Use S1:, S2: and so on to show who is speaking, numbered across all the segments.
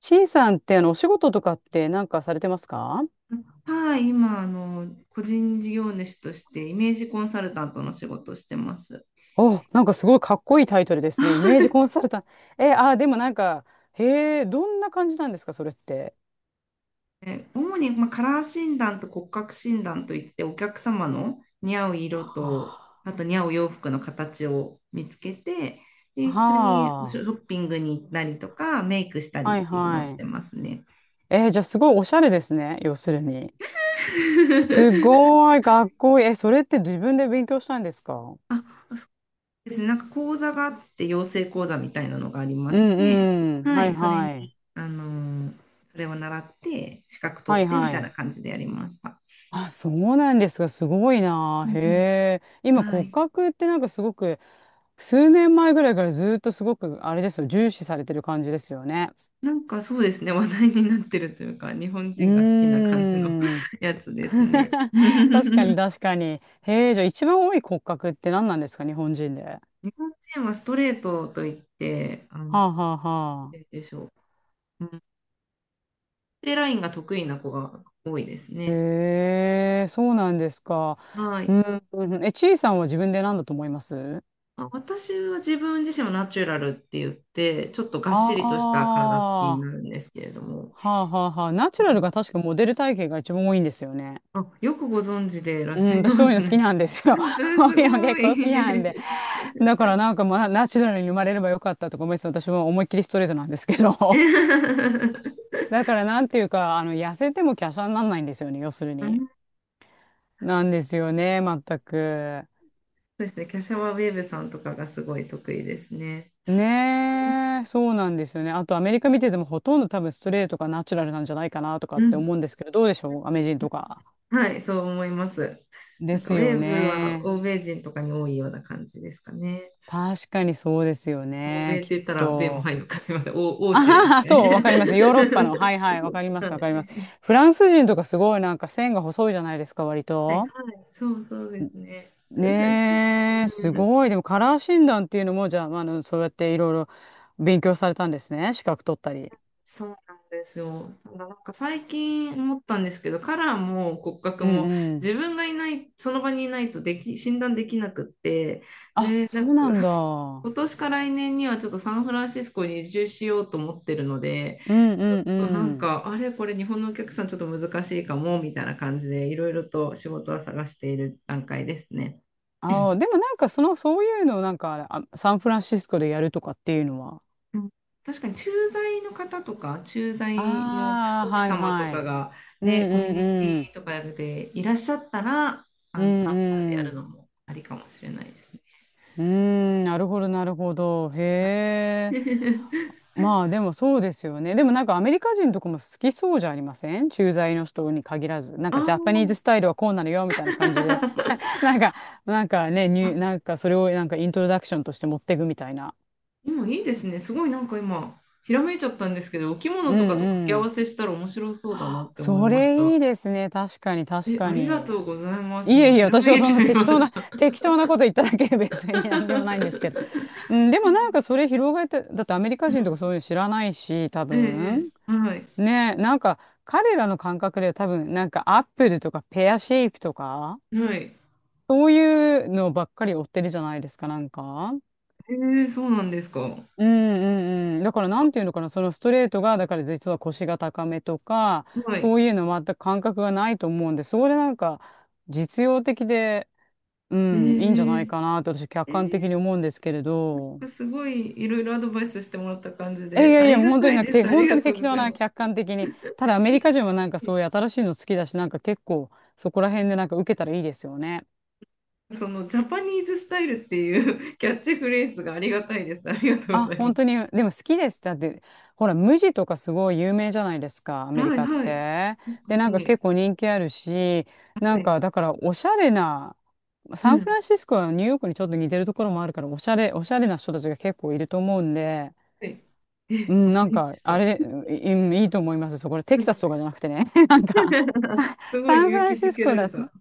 S1: C さんってお仕事とかってなんかされてますか？
S2: はい、今、個人事業主としてイメージコンサルタントの仕事をしてます。
S1: お、なんかすごいかっこいいタイトルで すね。イ
S2: は
S1: メージコン
S2: い。
S1: サルタント。え、あ、でもなんか、へえ、どんな感じなんですか、それって。
S2: え主に、まあ、カラー診断と骨格診断といってお客様の似合う色と、
S1: は
S2: あと似合う洋服の形を見つけて、で
S1: あ、
S2: 一緒におショ
S1: は
S2: ッピングに行ったりとかメイクした
S1: あ、
S2: りっ
S1: はい
S2: ていうのをして
S1: は
S2: ますね。
S1: い。じゃあすごいおしゃれですね、要するに。す ごいかっこいい。え、それって自分で勉強したんですか？
S2: あ、ですね、なんか講座があって、養成講座みたいなのがありま
S1: う
S2: して、
S1: んうん。
S2: は
S1: はい
S2: い、それに、
S1: はい。
S2: あのーそれを習って、資格取
S1: は
S2: っ
S1: い
S2: てみ
S1: は
S2: たい
S1: い。
S2: な感じでやりました。
S1: あ、そうなんですが、すごい
S2: う
S1: な。へ
S2: んうん、
S1: え。今
S2: は
S1: 骨
S2: い。
S1: 格ってなんかすごく数年前ぐらいからずっとすごく、あれですよ、重視されてる感じですよね。
S2: なんかそうですね、話題になってるというか、日本
S1: う
S2: 人が好きな感じの
S1: ーん。
S2: やつですね。
S1: 確かに
S2: 日
S1: 確かに。へえ、じゃあ一番多い骨格って何なんですか、日本人で。は
S2: 本人はストレートといって、なんて
S1: あはあは
S2: 言うん
S1: あ。
S2: でしょう。うん、縦ラインが得意な子が多いですね。
S1: へえ、そうなんですか。
S2: は
S1: う
S2: い。
S1: ん、うんうん、え、ちいさんは自分で何だと思います？
S2: あ、私は自分自身もナチュラルって言って、ちょっとがっしりとした
S1: あ
S2: 体つきに
S1: あ
S2: な
S1: ー、
S2: るんですけれども。
S1: はあはあはあ。ナチ
S2: う
S1: ュラ
S2: ん、
S1: ルが確かモデル体型が一番多いんですよね。
S2: あ、よくご存知でいらっ
S1: う
S2: し
S1: ん、
S2: ゃい
S1: 私
S2: ま
S1: そうい
S2: す
S1: うの好き
S2: ね。
S1: なんです よ。
S2: う ん、
S1: そう
S2: す
S1: いうの
S2: ご
S1: 結構好きなんで。
S2: い。
S1: だからなんかまあナチュラルに生まれればよかったとか思いつつ私も思いっきりストレートなんですけど、 だからなんていうか痩せても華奢にならないんですよね、要する
S2: う
S1: に。
S2: ん、
S1: なんですよね、全く。
S2: そうですね、キャシャワウェーブさんとかがすごい得意ですね。
S1: ねえ、そうなんですよね。あとアメリカ見ててもほとんど多分ストレートがナチュラルなんじゃないかなとか
S2: う
S1: って
S2: ん。
S1: 思うんですけど、どうでしょう、アメ人とか。
S2: はい、そう思います。
S1: で
S2: なんか
S1: す
S2: ウェ
S1: よ
S2: ーブは
S1: ね。
S2: 欧米人とかに多いような感じですかね。
S1: 確かにそうですよ
S2: 欧
S1: ね、
S2: 米っ
S1: き
S2: て
S1: っ
S2: 言ったら米も
S1: と。
S2: 入るのか、すみません、欧
S1: あ
S2: 州で
S1: は
S2: す
S1: は、
S2: かね。
S1: そう、わかります。ヨーロッパの。はいはい、わかり ま
S2: は
S1: す、わかります。
S2: い
S1: フランス人とかすごいなんか線が細いじゃないですか、割
S2: はい、はい、
S1: と。
S2: そうそうですね。
S1: ねえ、
S2: う
S1: す
S2: ん、
S1: ごい。でもカラー診断っていうのも、じゃあ、まあ、そうやっていろいろ勉強されたんですね。資格取ったり。
S2: そうなんですよ。ただなんか最近思ったんですけど、カラーも骨格
S1: うん
S2: も
S1: う
S2: 自
S1: ん。
S2: 分がいない、その場にいないとでき、診断できなくって、
S1: あ、
S2: で、な
S1: そ
S2: ん
S1: う
S2: か
S1: なんだ。うん
S2: 今年か来年にはちょっとサンフランシスコに移住しようと思ってるので、
S1: うん
S2: ちょっ
S1: う
S2: となん
S1: ん。
S2: か、あれ、これ日本のお客さんちょっと難しいかも、みたいな感じでいろいろと仕事は探している段階ですね。
S1: ああ、でもなんかその、そういうのをなんか、あ、サンフランシスコでやるとかっていうのは。
S2: うん、確かに駐在の方とか、駐在の
S1: ああ、
S2: 奥
S1: はい
S2: 様と
S1: は
S2: か
S1: い。
S2: が
S1: うん
S2: ね、コミュ
S1: う
S2: ニテ
S1: んうん。
S2: ィとかでいらっしゃったら、
S1: う
S2: 参加でやる
S1: ん、
S2: のもありかもしれないですね。
S1: うーん、なるほど、なるほど。
S2: はい。
S1: へえ。まあ、でもそうですよね。でもなんかアメリカ人とかも好きそうじゃありません？駐在の人に限らず。なん
S2: あ
S1: かジャパニーズス
S2: ー、
S1: タイルはこうなのよ、みたいな感じで。なんか、なんかね、
S2: あ、
S1: なんかそれをなんかイントロダクションとして持っていくみたいな。
S2: 今いいですね。すごいなんか今、ひらめいちゃったんですけど、お着
S1: う
S2: 物とか
S1: ん
S2: と掛け
S1: う
S2: 合わ
S1: ん。
S2: せしたら面白そうだなって思い
S1: そ
S2: まし
S1: れい
S2: た。
S1: いですね。確かに、確
S2: え、
S1: か
S2: ありが
S1: に。
S2: とうございま
S1: い
S2: す。今、
S1: えいえ、
S2: ひら
S1: 私
S2: め
S1: は
S2: い
S1: そん
S2: ち
S1: な
S2: ゃい
S1: 適
S2: ま
S1: 当
S2: し
S1: な、
S2: た。
S1: 適当なこと言っただけで別に 何でもないんですけど。うん、でもなんかそれ広がって、だってアメリカ
S2: う
S1: 人とか
S2: ん。
S1: そういうの知らないし、多
S2: え
S1: 分。
S2: え、ええ、はい。
S1: ねえ、なんか彼らの感覚では多分、なんかアップルとかペアシェイプとか、
S2: はい。
S1: そういうのばっかり追ってるじゃないですか、なんか。
S2: えー、そうなんですか。
S1: うんうんうん。だからなんていうのかな、そのストレートが、だから実は腰が高めとか、
S2: はい。
S1: そういうの全く感覚がないと思うんで、それなんか実用的で、う
S2: え
S1: ん、いいんじゃない
S2: ー、
S1: かなと私客
S2: え
S1: 観的に思うんですけれど。
S2: ー、すごいいろいろアドバイスしてもらった感じ
S1: え、い
S2: で、
S1: や
S2: あ
S1: いや、
S2: り
S1: もう
S2: が
S1: 本当
S2: た
S1: に
S2: い
S1: なく
S2: で
S1: て、
S2: す。あ
S1: 本
S2: り
S1: 当
S2: が
S1: に
S2: とう
S1: 適
S2: ご
S1: 当
S2: ざい
S1: な
S2: ま
S1: 客
S2: す。
S1: 観的に。ただアメリカ人はなんかそういう新しいの好きだし、なんか結構そこら辺でなんか受けたらいいですよね。
S2: そのジャパニーズスタイルっていう キャッチフレーズがありがたいです。ありがとうご
S1: あ、
S2: ざいま
S1: 本当
S2: す。
S1: に、でも好きですだって、ほら、無地とかすごい有名じゃないですか、アメリ
S2: はい
S1: カっ
S2: はい。
S1: て。
S2: 確か
S1: で、なんか結
S2: に。
S1: 構人気あるし、な
S2: は
S1: ん
S2: い。
S1: かだからおしゃれな、
S2: う
S1: サンフ
S2: ん。
S1: ランシスコはニューヨークにちょっと似てるところもあるから、おしゃれな人たちが結構いると思うんで、
S2: はい。
S1: う
S2: え、わ
S1: ん、な
S2: か
S1: ん
S2: りま
S1: か、
S2: し
S1: あ
S2: た。
S1: れ、うん、いいと思います。そう、これテ
S2: す
S1: キサ
S2: ご
S1: スとか
S2: い。
S1: じゃなくてね。なんか、
S2: すご
S1: サ
S2: い
S1: ンフ
S2: 勇
S1: ラ
S2: 気
S1: ンシ
S2: づ
S1: ス
S2: け
S1: コ
S2: られ
S1: だった、
S2: た。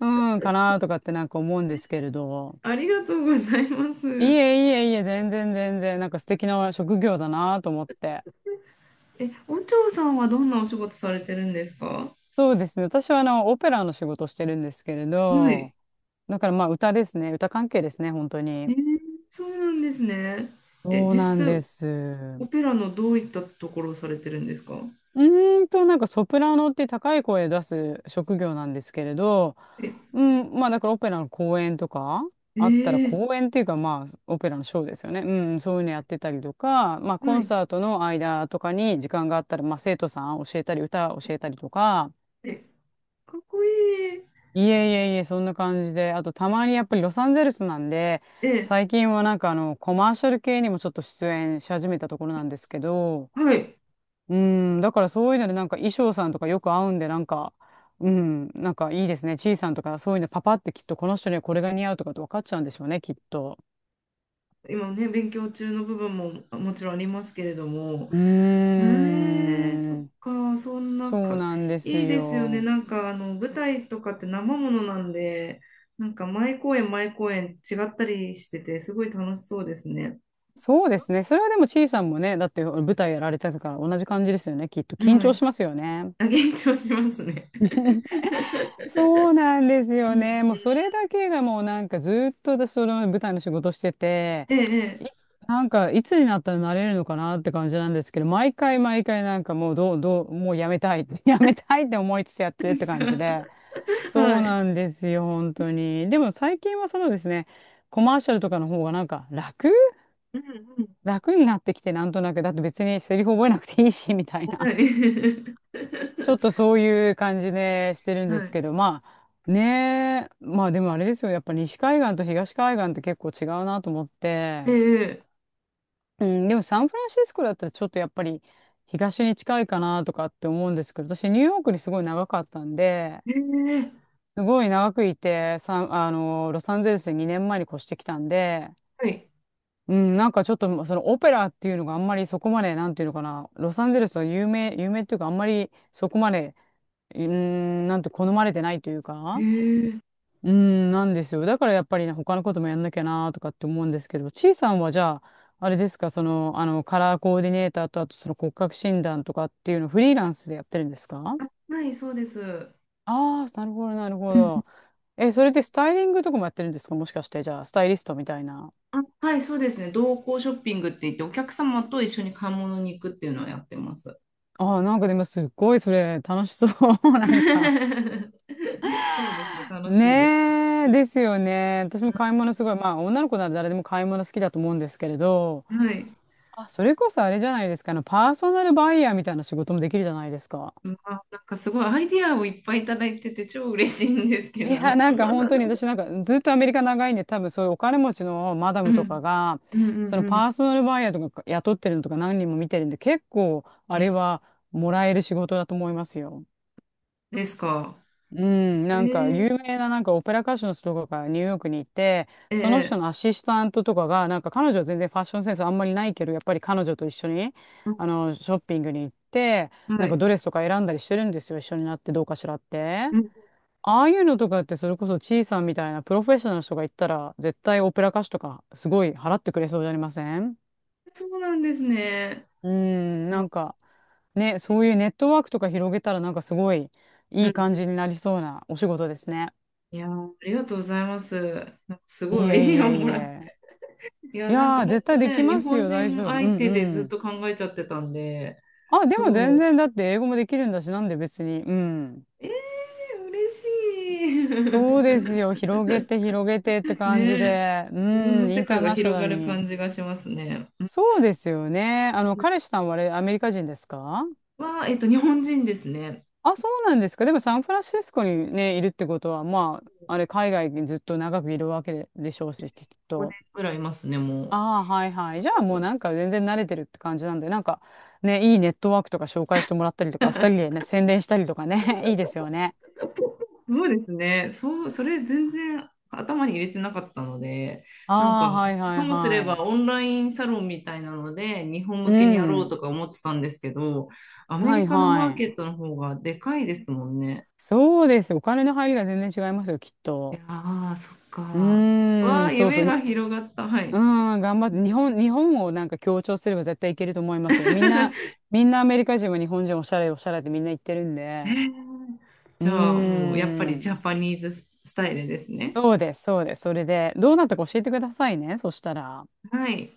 S1: うん、かなとかってなんか思うんですけれど。
S2: ありがとうございま
S1: いえ
S2: す。
S1: いえいえ、全然全然、なんか素敵な職業だなと思って。
S2: え、お嬢さんはどんなお仕事されてるんですか？
S1: そうですね。私は、オペラの仕事をしてるんですけれ
S2: はい。
S1: ど、だからまあ、歌ですね。歌関係ですね、本当
S2: え
S1: に。
S2: ー、そうなんですね。え、
S1: そうなん
S2: 実
S1: で
S2: 際、
S1: す。
S2: オペラのどういったところをされてるんですか？
S1: う、なんかソプラノって高い声出す職業なんですけれど、
S2: え、
S1: うん、まあだからオペラの公演とか
S2: え
S1: あったら
S2: ー、
S1: 公演っていうかまあオペラのショーですよね。うん、そういうのやってたりとか、まあコ
S2: は
S1: ン
S2: い。
S1: サートの間とかに時間があったら、まあ生徒さん教えたり歌
S2: え、
S1: 教えたりとか、
S2: かっこいい。
S1: いえいえいえ、そんな感じで、あとたまにやっぱりロサンゼルスなんで、
S2: え、
S1: 最近はなんかコマーシャル系にもちょっと出演し始めたところなんですけど、
S2: はい。
S1: うん、だからそういうのでなんか衣装さんとかよく合うんでなんか、うん、なんかいいですね。ちいさんとかそういうのパパってきっとこの人にはこれが似合うとかって分かっちゃうんでしょうね、きっと。
S2: 今ね、勉強中の部分もあ、もちろんありますけれども、
S1: う
S2: え
S1: ー
S2: ー、そっ
S1: ん。
S2: か、そんな
S1: そう
S2: か、
S1: なんです
S2: いいですよね。
S1: よ。
S2: なんか、舞台とかって生ものなんで、なんか、毎公演、毎公演違ったりしてて、すごい楽しそうですね。
S1: そうですね。それはでもちいさんもね、だって舞台やられてたから同じ感じですよね、きっと。緊
S2: は
S1: 張
S2: い。
S1: しますよね。
S2: あ、緊張しますね。
S1: そうなんです
S2: う
S1: よ
S2: ん。
S1: ね。もうそれだけがもうなんかずっと私その舞台の仕事してて、
S2: ええ、え
S1: い、なんかいつになったらなれるのかなって感じなんですけど、毎回毎回なんかもうどう、どう、もうやめたいって、やめたいって思いつつやっ
S2: え
S1: てるって感じで。そ
S2: は
S1: う
S2: い。
S1: なんですよ、本当に。でも最近はそのですね、コマーシャルとかの方がなんか楽
S2: うんうん。
S1: 楽になってきて、なんとなく。だって別にセリフ覚えなくていいし、みたい
S2: は
S1: な。
S2: い。
S1: ちょっ とそういう感じでしてるん
S2: は
S1: です
S2: い。
S1: けど、まあねえ、まあでもあれですよ、やっぱ西海岸と東海岸って結構違うなと思って、
S2: ええ、
S1: うん、でもサンフランシスコだったらちょっとやっぱり東に近いかなとかって思うんですけど、私ニューヨークにすごい長かったんで、
S2: ええ。ええ、
S1: すごい長くいて、ロサンゼルスに2年前に越してきたんで、
S2: はい。
S1: うん、なんかちょっとそのオペラっていうのがあんまりそこまで、なんていうのかな、ロサンゼルスは有名っていうかあんまりそこまでうーん、なんと好まれてないという
S2: え
S1: か、
S2: え。
S1: うーん、なんですよ。だからやっぱりね、他のこともやんなきゃなとかって思うんですけど、ちいさんはじゃあ、あれですか、その、カラーコーディネーターと、あとその骨格診断とかっていうのをフリーランスでやってるんですか？
S2: あ、はい、そうです。う
S1: ああー、なるほど、なるほ
S2: ん、
S1: ど。え、それでスタイリングとかもやってるんですか？もしかして、じゃあ、スタイリストみたいな。
S2: あ、はい、そうですね。同行ショッピングって言って、お客様と一緒に買い物に行くっていうのをやってます。
S1: ああ、なんかでもすっごいそれ楽しそう。なんか。
S2: そうですね。楽しいです。
S1: ねえ、ですよね。私も買い物すごい、まあ女の子なら誰でも買い物好きだと思うんですけれど、
S2: はい。
S1: あ、それこそあれじゃないですか。パーソナルバイヤーみたいな仕事もできるじゃないですか。
S2: まあ、なんかすごいアイディアをいっぱいいただいてて超嬉しいんですけ
S1: いや、
S2: ど。
S1: なんか本当に私なんかずっとアメリカ長いんで、多分そういうお金持ちのマダ
S2: う
S1: ムとか
S2: ん。
S1: が、
S2: うんうん
S1: その
S2: う
S1: パ
S2: ん。
S1: ーソナルバイヤーとか雇ってるのとか何人も見てるんで、結構あれはもらえる仕事だと思いますよ。
S2: ですか。
S1: うん、
S2: え
S1: なんか
S2: ー、
S1: 有名ななんかオペラ歌手の人とかがニューヨークにいて、その人
S2: ええ、
S1: のアシスタントとかが、なんか彼女は全然ファッションセンスあんまりないけど、やっぱり彼女と一緒に、
S2: うん、
S1: ショッピングに行って、
S2: は
S1: なんか
S2: い。
S1: ドレスとか選んだりしてるんですよ、一緒になってどうかしらって。
S2: うん、
S1: ああいうのとかってそれこそチーさんみたいなプロフェッショナルの人が行ったら、絶対オペラ歌手とかすごい払ってくれそうじゃありません？
S2: そうなんですね。
S1: うん、な
S2: あ、
S1: んかね、そういうネットワークとか広げたらなんかすごい
S2: う
S1: いい
S2: ん、
S1: 感じになりそうなお仕事ですね。
S2: いやー、ありがとうございます。なんかす
S1: いえ
S2: ごい アイデ
S1: い
S2: ィアをも
S1: えい
S2: らっ
S1: え。
S2: て。い
S1: い
S2: や、なんか
S1: やー、
S2: 本
S1: 絶対
S2: 当
S1: でき
S2: ね、日
S1: ます
S2: 本
S1: よ、大
S2: 人
S1: 丈夫。うん
S2: 相手で
S1: う
S2: ずっ
S1: ん。
S2: と考えちゃってたんで、
S1: あ、でも全
S2: そ
S1: 然、だって英語もできるんだし、なんで別に。うん。
S2: う。えー、嬉し
S1: そうで
S2: い。
S1: すよ、広げて広げてって 感じ
S2: ね、
S1: で。う
S2: 自分の
S1: ん、イ
S2: 世
S1: ンタ
S2: 界
S1: ー
S2: が
S1: ナショ
S2: 広
S1: ナ
S2: が
S1: ル
S2: る
S1: に。
S2: 感じがしますね。うん。
S1: そうですよね。彼氏さんはあれ、アメリカ人ですか？
S2: は、えっと、日本人ですね。
S1: あ、そうなんですか。でもサンフランシスコにね、いるってことは、まあ、あれ、海外にずっと長くいるわけでしょうし、きっ
S2: 5
S1: と。
S2: 年ぐらいいますね、も
S1: ああ、はいはい。
S2: う。
S1: じゃあも
S2: そ
S1: う
S2: う、
S1: なんか全然慣れてるって感じなんで、なんかね、いいネットワークとか紹介してもらったりとか、二人でね、宣伝したりとかね、いいですよね。
S2: そうですね。そう、それ全然頭に入れてなかったので、
S1: あ
S2: なん
S1: あ、
S2: か、
S1: はいは
S2: と
S1: い
S2: もすれ
S1: は
S2: ば
S1: い。
S2: オンラインサロンみたいなので、日本
S1: う
S2: 向けにやろう
S1: ん。
S2: とか思ってたんですけど、アメ
S1: は
S2: リ
S1: い
S2: カのマー
S1: は
S2: ケ
S1: い。
S2: ットの方がでかいですもんね。
S1: そうです。お金の入りが全然違いますよ、きっ
S2: い
S1: と。
S2: やー、そっ
S1: う
S2: か。わ
S1: ーん、
S2: あ、
S1: そうそ
S2: 夢
S1: う。に、
S2: が広がった。は
S1: うー
S2: い。
S1: ん、頑張っ
S2: う
S1: て。
S2: ん。
S1: 日本をなんか強調すれば絶対いけると思いますよ。みんな、みんなアメリカ人は日本人おしゃれおしゃれってみんな言ってるんで。うー
S2: じゃあ、もうやっぱりジ
S1: ん。
S2: ャパニーズスタイルですね。
S1: そうです、そうです。それで、どうなったか教えてくださいね。そしたら。
S2: はい。